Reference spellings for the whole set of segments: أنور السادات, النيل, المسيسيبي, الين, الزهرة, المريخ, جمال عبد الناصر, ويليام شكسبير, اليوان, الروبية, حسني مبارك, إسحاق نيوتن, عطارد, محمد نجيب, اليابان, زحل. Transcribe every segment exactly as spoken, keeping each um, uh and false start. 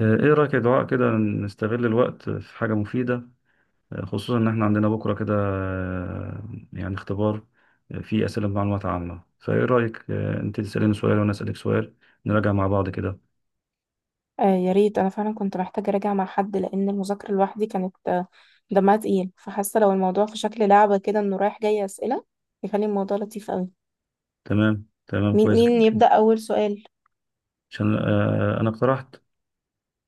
آه، ايه رأيك يا دعاء كده نستغل الوقت في حاجة مفيدة. آه، خصوصا ان احنا عندنا بكرة كده، آه، يعني اختبار. آه، فيه أسئلة معلومات عامة، فايه رأيك؟ آه، انت تسأليني سؤال وانا أسألك سؤال، نراجع مع بعض كده. آه، يا ريت انا فعلا كنت محتاجه اراجع مع حد لان المذاكره لوحدي كانت آه، دمها تقيل، فحاسه لو الموضوع في شكل لعبه كده انه رايح جاي اسئله يخلي الموضوع لطيف قوي. تمام تمام، مين كويس مين جدا. يبدا اول سؤال؟ عشان آه، انا اقترحت.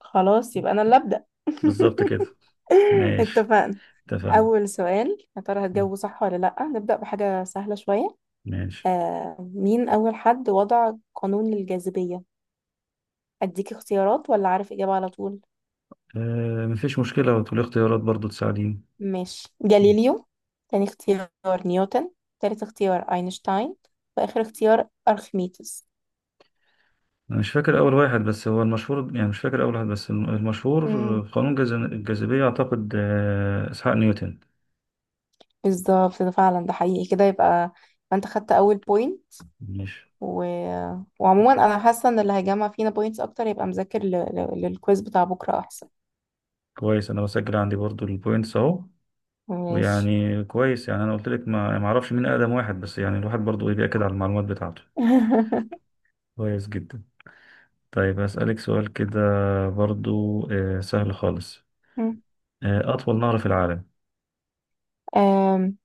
خلاص يبقى انا اللي ابدا. بالظبط كده. ماشي. اتفقنا. اتفقنا. اول سؤال يا ترى هتجاوبه صح ولا لا؟ نبدا بحاجه سهله شويه. ماشي. آه مين اول حد وضع قانون للجاذبيه؟ اديك اختيارات ولا عارف اجابه على طول؟ آه، مفيش مشكلة، وتقولي اختيارات برضو تساعديني. ماشي، جاليليو. تاني اختيار، نيوتن. تالت اختيار، اينشتاين. واخر اختيار، ارخميدس. أنا مش فاكر أول واحد، بس هو المشهور، يعني مش فاكر أول واحد، بس الم- المشهور مم. في قانون جاذ- الجاذبية. أعتقد آه، إسحاق نيوتن. بالظبط، ده فعلا، ده حقيقي كده. يبقى انت خدت اول بوينت. مش و... وعموما انا حاسه ان اللي هيجمع فينا بوينتس اكتر يبقى مذاكر ل... ل... للكويز بتاع بكره احسن. كويس، أنا بسجل عندي برضو البوينتس أهو. ماشي. ويعني كويس، يعني أنا قلت لك ما يعني ما أعرفش مين أقدم واحد، بس يعني الواحد برضو إيه بيأكد على المعلومات بتاعته. كويس جدا. طيب هسألك سؤال كده برضو، آه، سهل خالص. آه، أطول نهر في العالم. أم...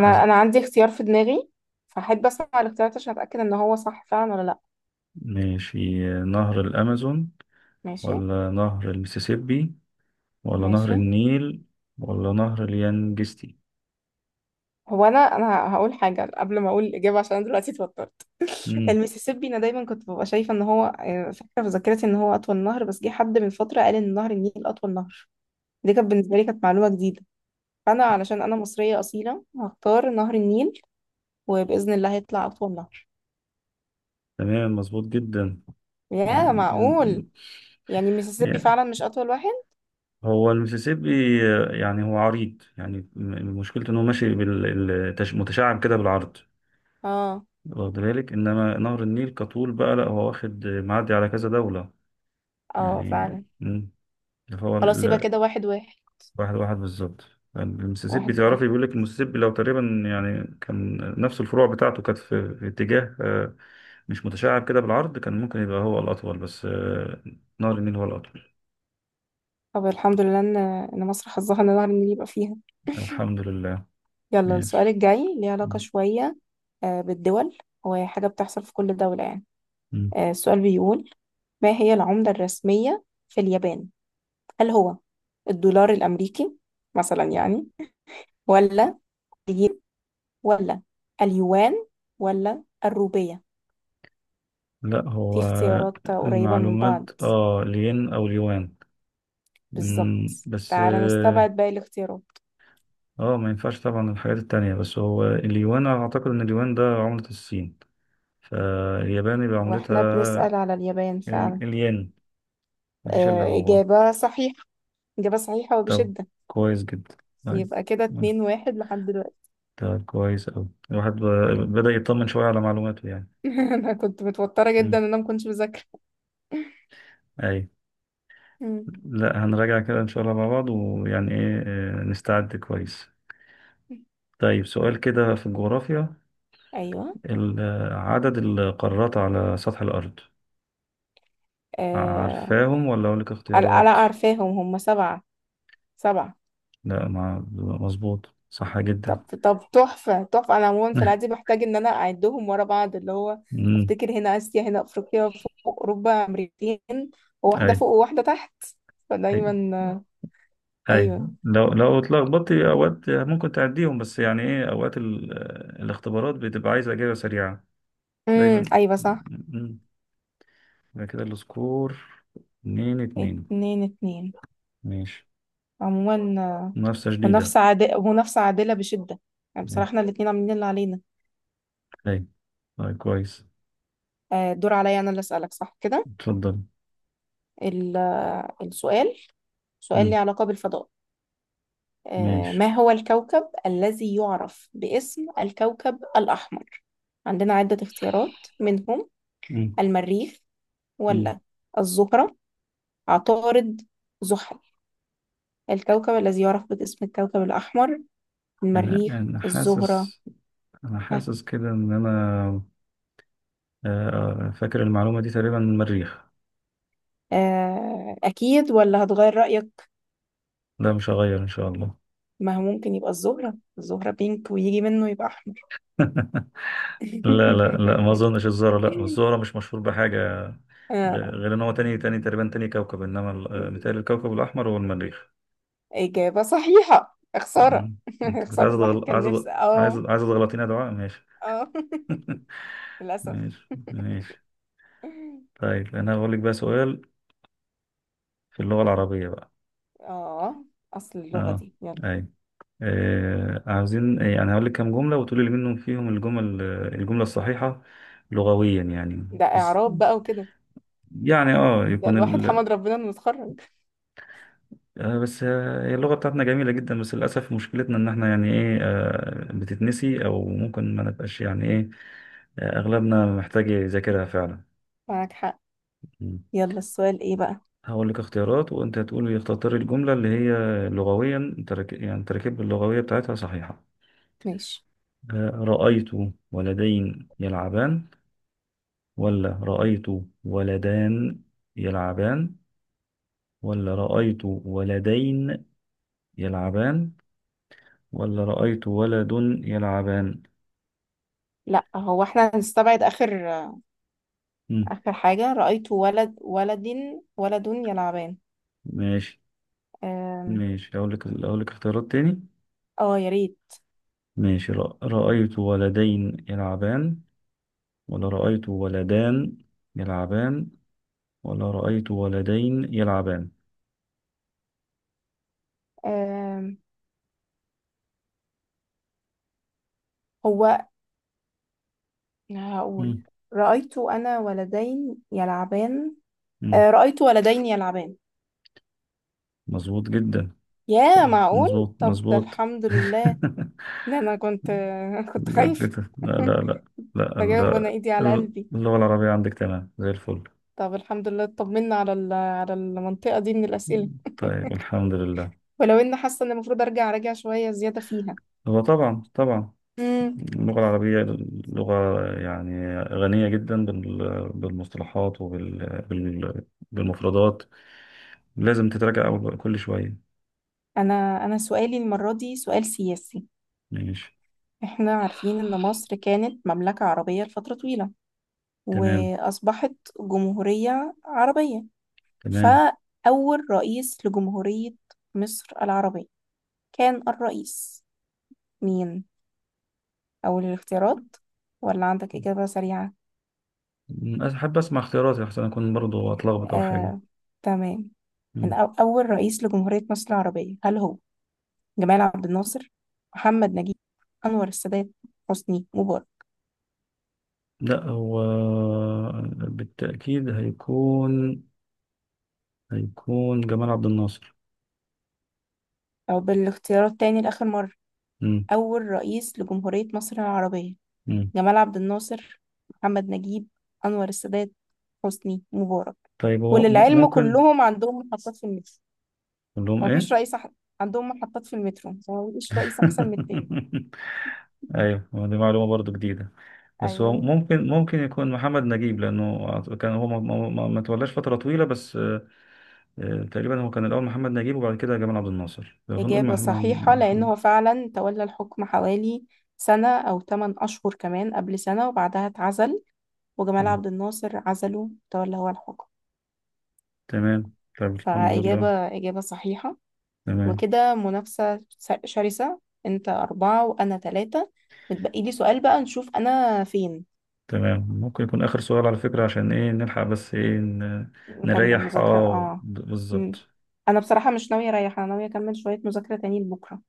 عايز؟ انا عندي اختيار في دماغي، فاحب اسمع الاختيارات عشان اتاكد ان هو صح فعلا ولا لا. ماشي، آه، نهر الأمازون، ماشي ولا نهر المسيسيبي، ولا ماشي. نهر النيل، ولا نهر اليانجستي؟ هو انا انا هقول حاجه قبل ما اقول الاجابه عشان انا دلوقتي اتوترت. مم. المسيسيبي، انا دايما كنت ببقى شايفه ان هو، آه، فاكره في ذاكرتي ان هو اطول نهر، بس جه حد من فتره قال ان نهر النيل اطول نهر. دي كانت بالنسبه لي كانت معلومه جديده. فانا علشان انا مصريه اصيله هختار نهر النيل، وباذن الله هيطلع اطول نهر. تمام، مظبوط جدا. يا معقول. يعني، يعني المسيسيبي يعني فعلا مش اطول واحد. هو المسيسيبي آه، يعني هو عريض، يعني م- مشكلته ان هو ماشي بالمتشعب كده بالعرض. اه. واخد بالك؟ انما نهر النيل كطول بقى لا، هو واخد معدي على كذا دولة. اه يعني فعلا. مم. فهو خلاص، يبقى كده واحد واحد. واحد واحد بالظبط. المسيسيبي واحد واحد. تعرفي، بيقول لك المسيسيبي لو تقريبا يعني كان نفس الفروع بتاعته كانت في, في اتجاه آه، مش متشعب كده بالعرض، كان ممكن يبقى هو الأطول، بس آه، نهر النيل هو الأطول. طب الحمد لله ان ان مصر حظها ان نهر النيل يبقى فيها. الحمد لله. يلا، السؤال ماشي. الجاي ليه علاقة شوية آه، بالدول، هو حاجة بتحصل في كل دولة يعني. مم. آه، السؤال بيقول: ما هي العملة الرسمية في اليابان؟ هل هو الدولار الأمريكي مثلا يعني، ولا الين، ولا اليوان، ولا الروبية؟ لا في هو اختيارات قريبة من المعلومات، بعض. اه لين أو اليوان. مم، بالظبط. بس تعالى اه نستبعد باقي الاختيارات. آه، ما ينفعش طبعا الحاجات التانية، بس هو اليوان أنا أعتقد إن اليوان ده عملة الصين، فاليابان يبقى عملتها واحنا بنسأل على اليابان ال- فعلا. الين. مفيش إلا آه، هو. إجابة صحيحة، إجابة صحيحة طب وبشدة. كويس جدا. طيب. يبقى كده مم. اتنين واحد لحد دلوقتي. طب كويس أوي، الواحد ب- بدأ يطمن شوية على معلوماته يعني. انا كنت متوترة جدا مم. ان انا ما كنتش بذاكر. أي. مم. لا هنراجع كده إن شاء الله مع بعض، ويعني إيه آه، نستعد كويس. طيب سؤال كده في الجغرافيا. ايوه. ال- آه، عدد القارات على سطح الأرض، آه... عارفاهم ولا أقول لك لا لا، اختيارات؟ عارفاهم، هم سبعة. سبعة. لا مع مظبوط، صح جدا. طب. طب تحفة تحفة. أنا عموما في العادي بحتاج إن أنا أعدهم ورا بعض، اللي هو مم. أفتكر هنا آسيا، هنا أفريقيا، فوق أوروبا، أمريكتين، وواحدة أي. فوق وواحدة تحت. فدايما آه، اي، أيوة. لو لو اتلخبطتي اوقات ممكن تعديهم، بس يعني ايه اوقات ال- الاختبارات بتبقى عايزه اجابه سريعه امم دايما. أيوة، صح. مم. يبقى كده السكور اتنين اتنين. اتنين اتنين. ماشي. عموما، آه، منافسه شديده. منافسة عادلة، منافسة عادلة بشدة. يعني اي. بصراحة احنا الاتنين عاملين اللي علينا. اي. طيب كويس. آه... دور عليا انا اللي اسألك، صح كده؟ اتفضل. ال- السؤال، سؤال ليه مم. علاقة بالفضاء. آه، ماشي. ما هو الكوكب الذي يعرف باسم الكوكب الأحمر؟ عندنا عدة اختيارات منهم: مم. المريخ، مم. ولا الزهرة، عطارد، زحل. الكوكب الذي يعرف باسم الكوكب الأحمر، انا المريخ، انا الزهرة. حاسس، انا ها، حاسس كده ان انا آه، آه، فاكر المعلومه دي تقريبا من المريخ. آه، أكيد ولا هتغير رأيك؟ لا مش هغير ان شاء الله. ما هو ممكن يبقى الزهرة، الزهرة بينك ويجي منه يبقى أحمر. لا لا لا، ما اظنش الزهرة، لا الزهرة مش مشهور بحاجة، غ- غير ان هو تاني، تاني تقريبا تاني كوكب، انما ال- آه، آه، متهيألي الكوكب الاحمر هو المريخ. إجابة صحيحة. خسارة. مم. انت كنت خسارة، عايز الواحد أتغل- كان عايز أت- نفسه. عايز اه. عايز تغلطينا يا دعاء؟ ماشي. اه. للأسف. ماشي ماشي. طيب انا هقول لك بقى سؤال في اللغة العربية بقى. اه. أصل اللغة اه. دي، يلا. اي. آه عاوزين يعني، انا هقول لك كام جملة وتقولي لي منهم فيهم الجمل، الجملة الصحيحة لغويا يعني، ده بس إعراب بقى وكده، يعني اه ده يكون الواحد حمد ربنا إنه اتخرج. آه، بس آه، هي اللغة بتاعتنا جميلة جدا، بس للأسف مشكلتنا إن إحنا يعني إيه آه، بتتنسي، أو ممكن ما نبقاش يعني إيه آه، أغلبنا محتاج يذاكرها فعلا. معاك حق. مم. يلا، السؤال إيه بقى؟ هقول لك اختيارات وأنت تقول لي اختار الجملة اللي هي لغويا ترك... يعني تركيب اللغوية بتاعتها صحيحة. ماشي. آه، رأيت ولدين يلعبان، ولا رأيت ولدان يلعبان، ولا رأيت ولدين يلعبان، ولا رأيت ولد يلعبان. لا هو احنا هنستبعد آخر، مم. آخر حاجة: رأيت ولد ولد ولد يلعبان. ماشي. آم، ماشي، أقول لك أقول لك اختيارات تاني. اه، يا ريت. ماشي، رأ- رأيت ولدين يلعبان، ولا رأيت ولدان يلعبان، ولا رأيت ولدين يلعبان. آم، هو هقول مم. رأيت أنا ولدين يلعبان. مم. آه، رأيت ولدين يلعبان. مظبوط جدا. صح. يا معقول. مظبوط طب ده مظبوط. الحمد لله ان انا كنت كنت جود خايفة. جدا. لا لا لا. لا بجاوب وانا لا. ايدي على قلبي. اللغة العربية عندك تمام زي الفل. طب الحمد لله اطمنا على ال- على المنطقة دي من الأسئلة، طيب الحمد لله. ولو اني حاسة ان المفروض ارجع راجع شوية زيادة فيها. هو طبعا طبعا مم. اللغة العربية لغة يعني غنية جدا بال- بالمصطلحات وبالمفردات، لازم تتراجع أول- كل شوية. انا انا سؤالي المرة دي سؤال سياسي. ماشي. احنا عارفين ان مصر كانت مملكة عربية لفترة طويلة، تمام. واصبحت جمهورية عربية. تمام. فأول رئيس لجمهورية مصر العربية كان الرئيس مين؟ أول الاختيارات ولا عندك إجابة سريعة؟ م، أحب أسمع اختياراتي أحسن، أكون برضو أتلخبط أو حاجة. آه، تمام. من م. أو أول رئيس لجمهورية مصر العربية، هل هو جمال عبد الناصر، محمد نجيب، أنور السادات، حسني مبارك؟ لا هو بالتأكيد هيكون، هيكون جمال عبد الناصر. أو بالاختيارات تاني لآخر مرة: م. أول رئيس لجمهورية مصر العربية، م. جمال عبد الناصر، محمد نجيب، أنور السادات، حسني مبارك. طيب هو م- وللعلم ممكن كلهم عندهم محطات في المترو. أقول لهم مفيش إيه؟ رئيس أح- عندهم محطات في المترو، مفيش رئيس أحسن من التاني. أيوه، هو دي معلومة برضو جديدة، بس هو أيوه، ممكن، ممكن يكون محمد نجيب، لأنه كان هو ما, ما, ما ما تولاش فترة طويلة بس. آه، تقريبا هو كان الأول محمد نجيب، وبعد كده جمال عبد الناصر، فنقول إجابة محمد. صحيحة لأن محمد. هو فعلا تولى الحكم حوالي سنة أو ثمانية أشهر، كمان قبل سنة وبعدها اتعزل، وجمال تمام. عبد الناصر عزله، تولى هو الحكم. تمام. طيب الحمد لله. فإجابة إجابة صحيحة. تمام. وكده منافسة س- شرسة. أنت أربعة وأنا تلاتة. متبقي لي سؤال بقى، نشوف أنا فين. تمام، ممكن يكون آخر سؤال على فكرة، عشان إيه نلحق بس إيه ن- نكمل نريح مذاكرة اه آه د- مم. بالظبط. أنا بصراحة مش ناوية أريح، أنا ناوية أكمل شوية مذاكرة تاني لبكرة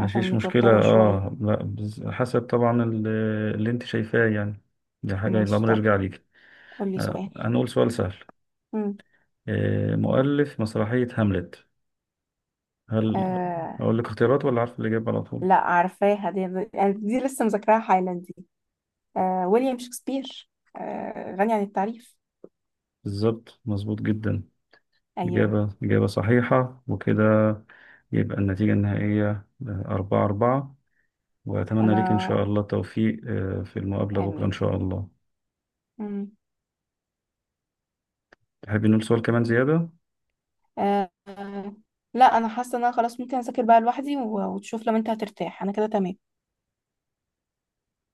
عشان مشكلة متوترة شوية. اه، لا بز- حسب طبعا ال- اللي انت شايفاه يعني، دي حاجة ماشي، الأمر طب يرجع ليك. قولي آه، سؤال. هنقول سؤال سهل. مم. آه، مؤلف مسرحية هاملت، هل آه، أقول لك اختيارات ولا عارف الإجابة على طول؟ لا عارفاها دي، يعني دي لسه مذاكراها حالا دي. آه، ويليام شكسبير. آه، غني عن التعريف. بالظبط، مظبوط جدا. ايوه. إجابة إجابة صحيحة، وكده يبقى النتيجة النهائية أربعة أربعة. وأتمنى ليك إن انا. شاء الله التوفيق آه، في المقابلة بكرة إن امين. شاء الله. مم. تحب نقول سؤال كمان زيادة؟ آه آه، لا، انا حاسه ان انا خلاص ممكن اذاكر بقى لوحدي و- وتشوف، لو انت هترتاح انا كده تمام.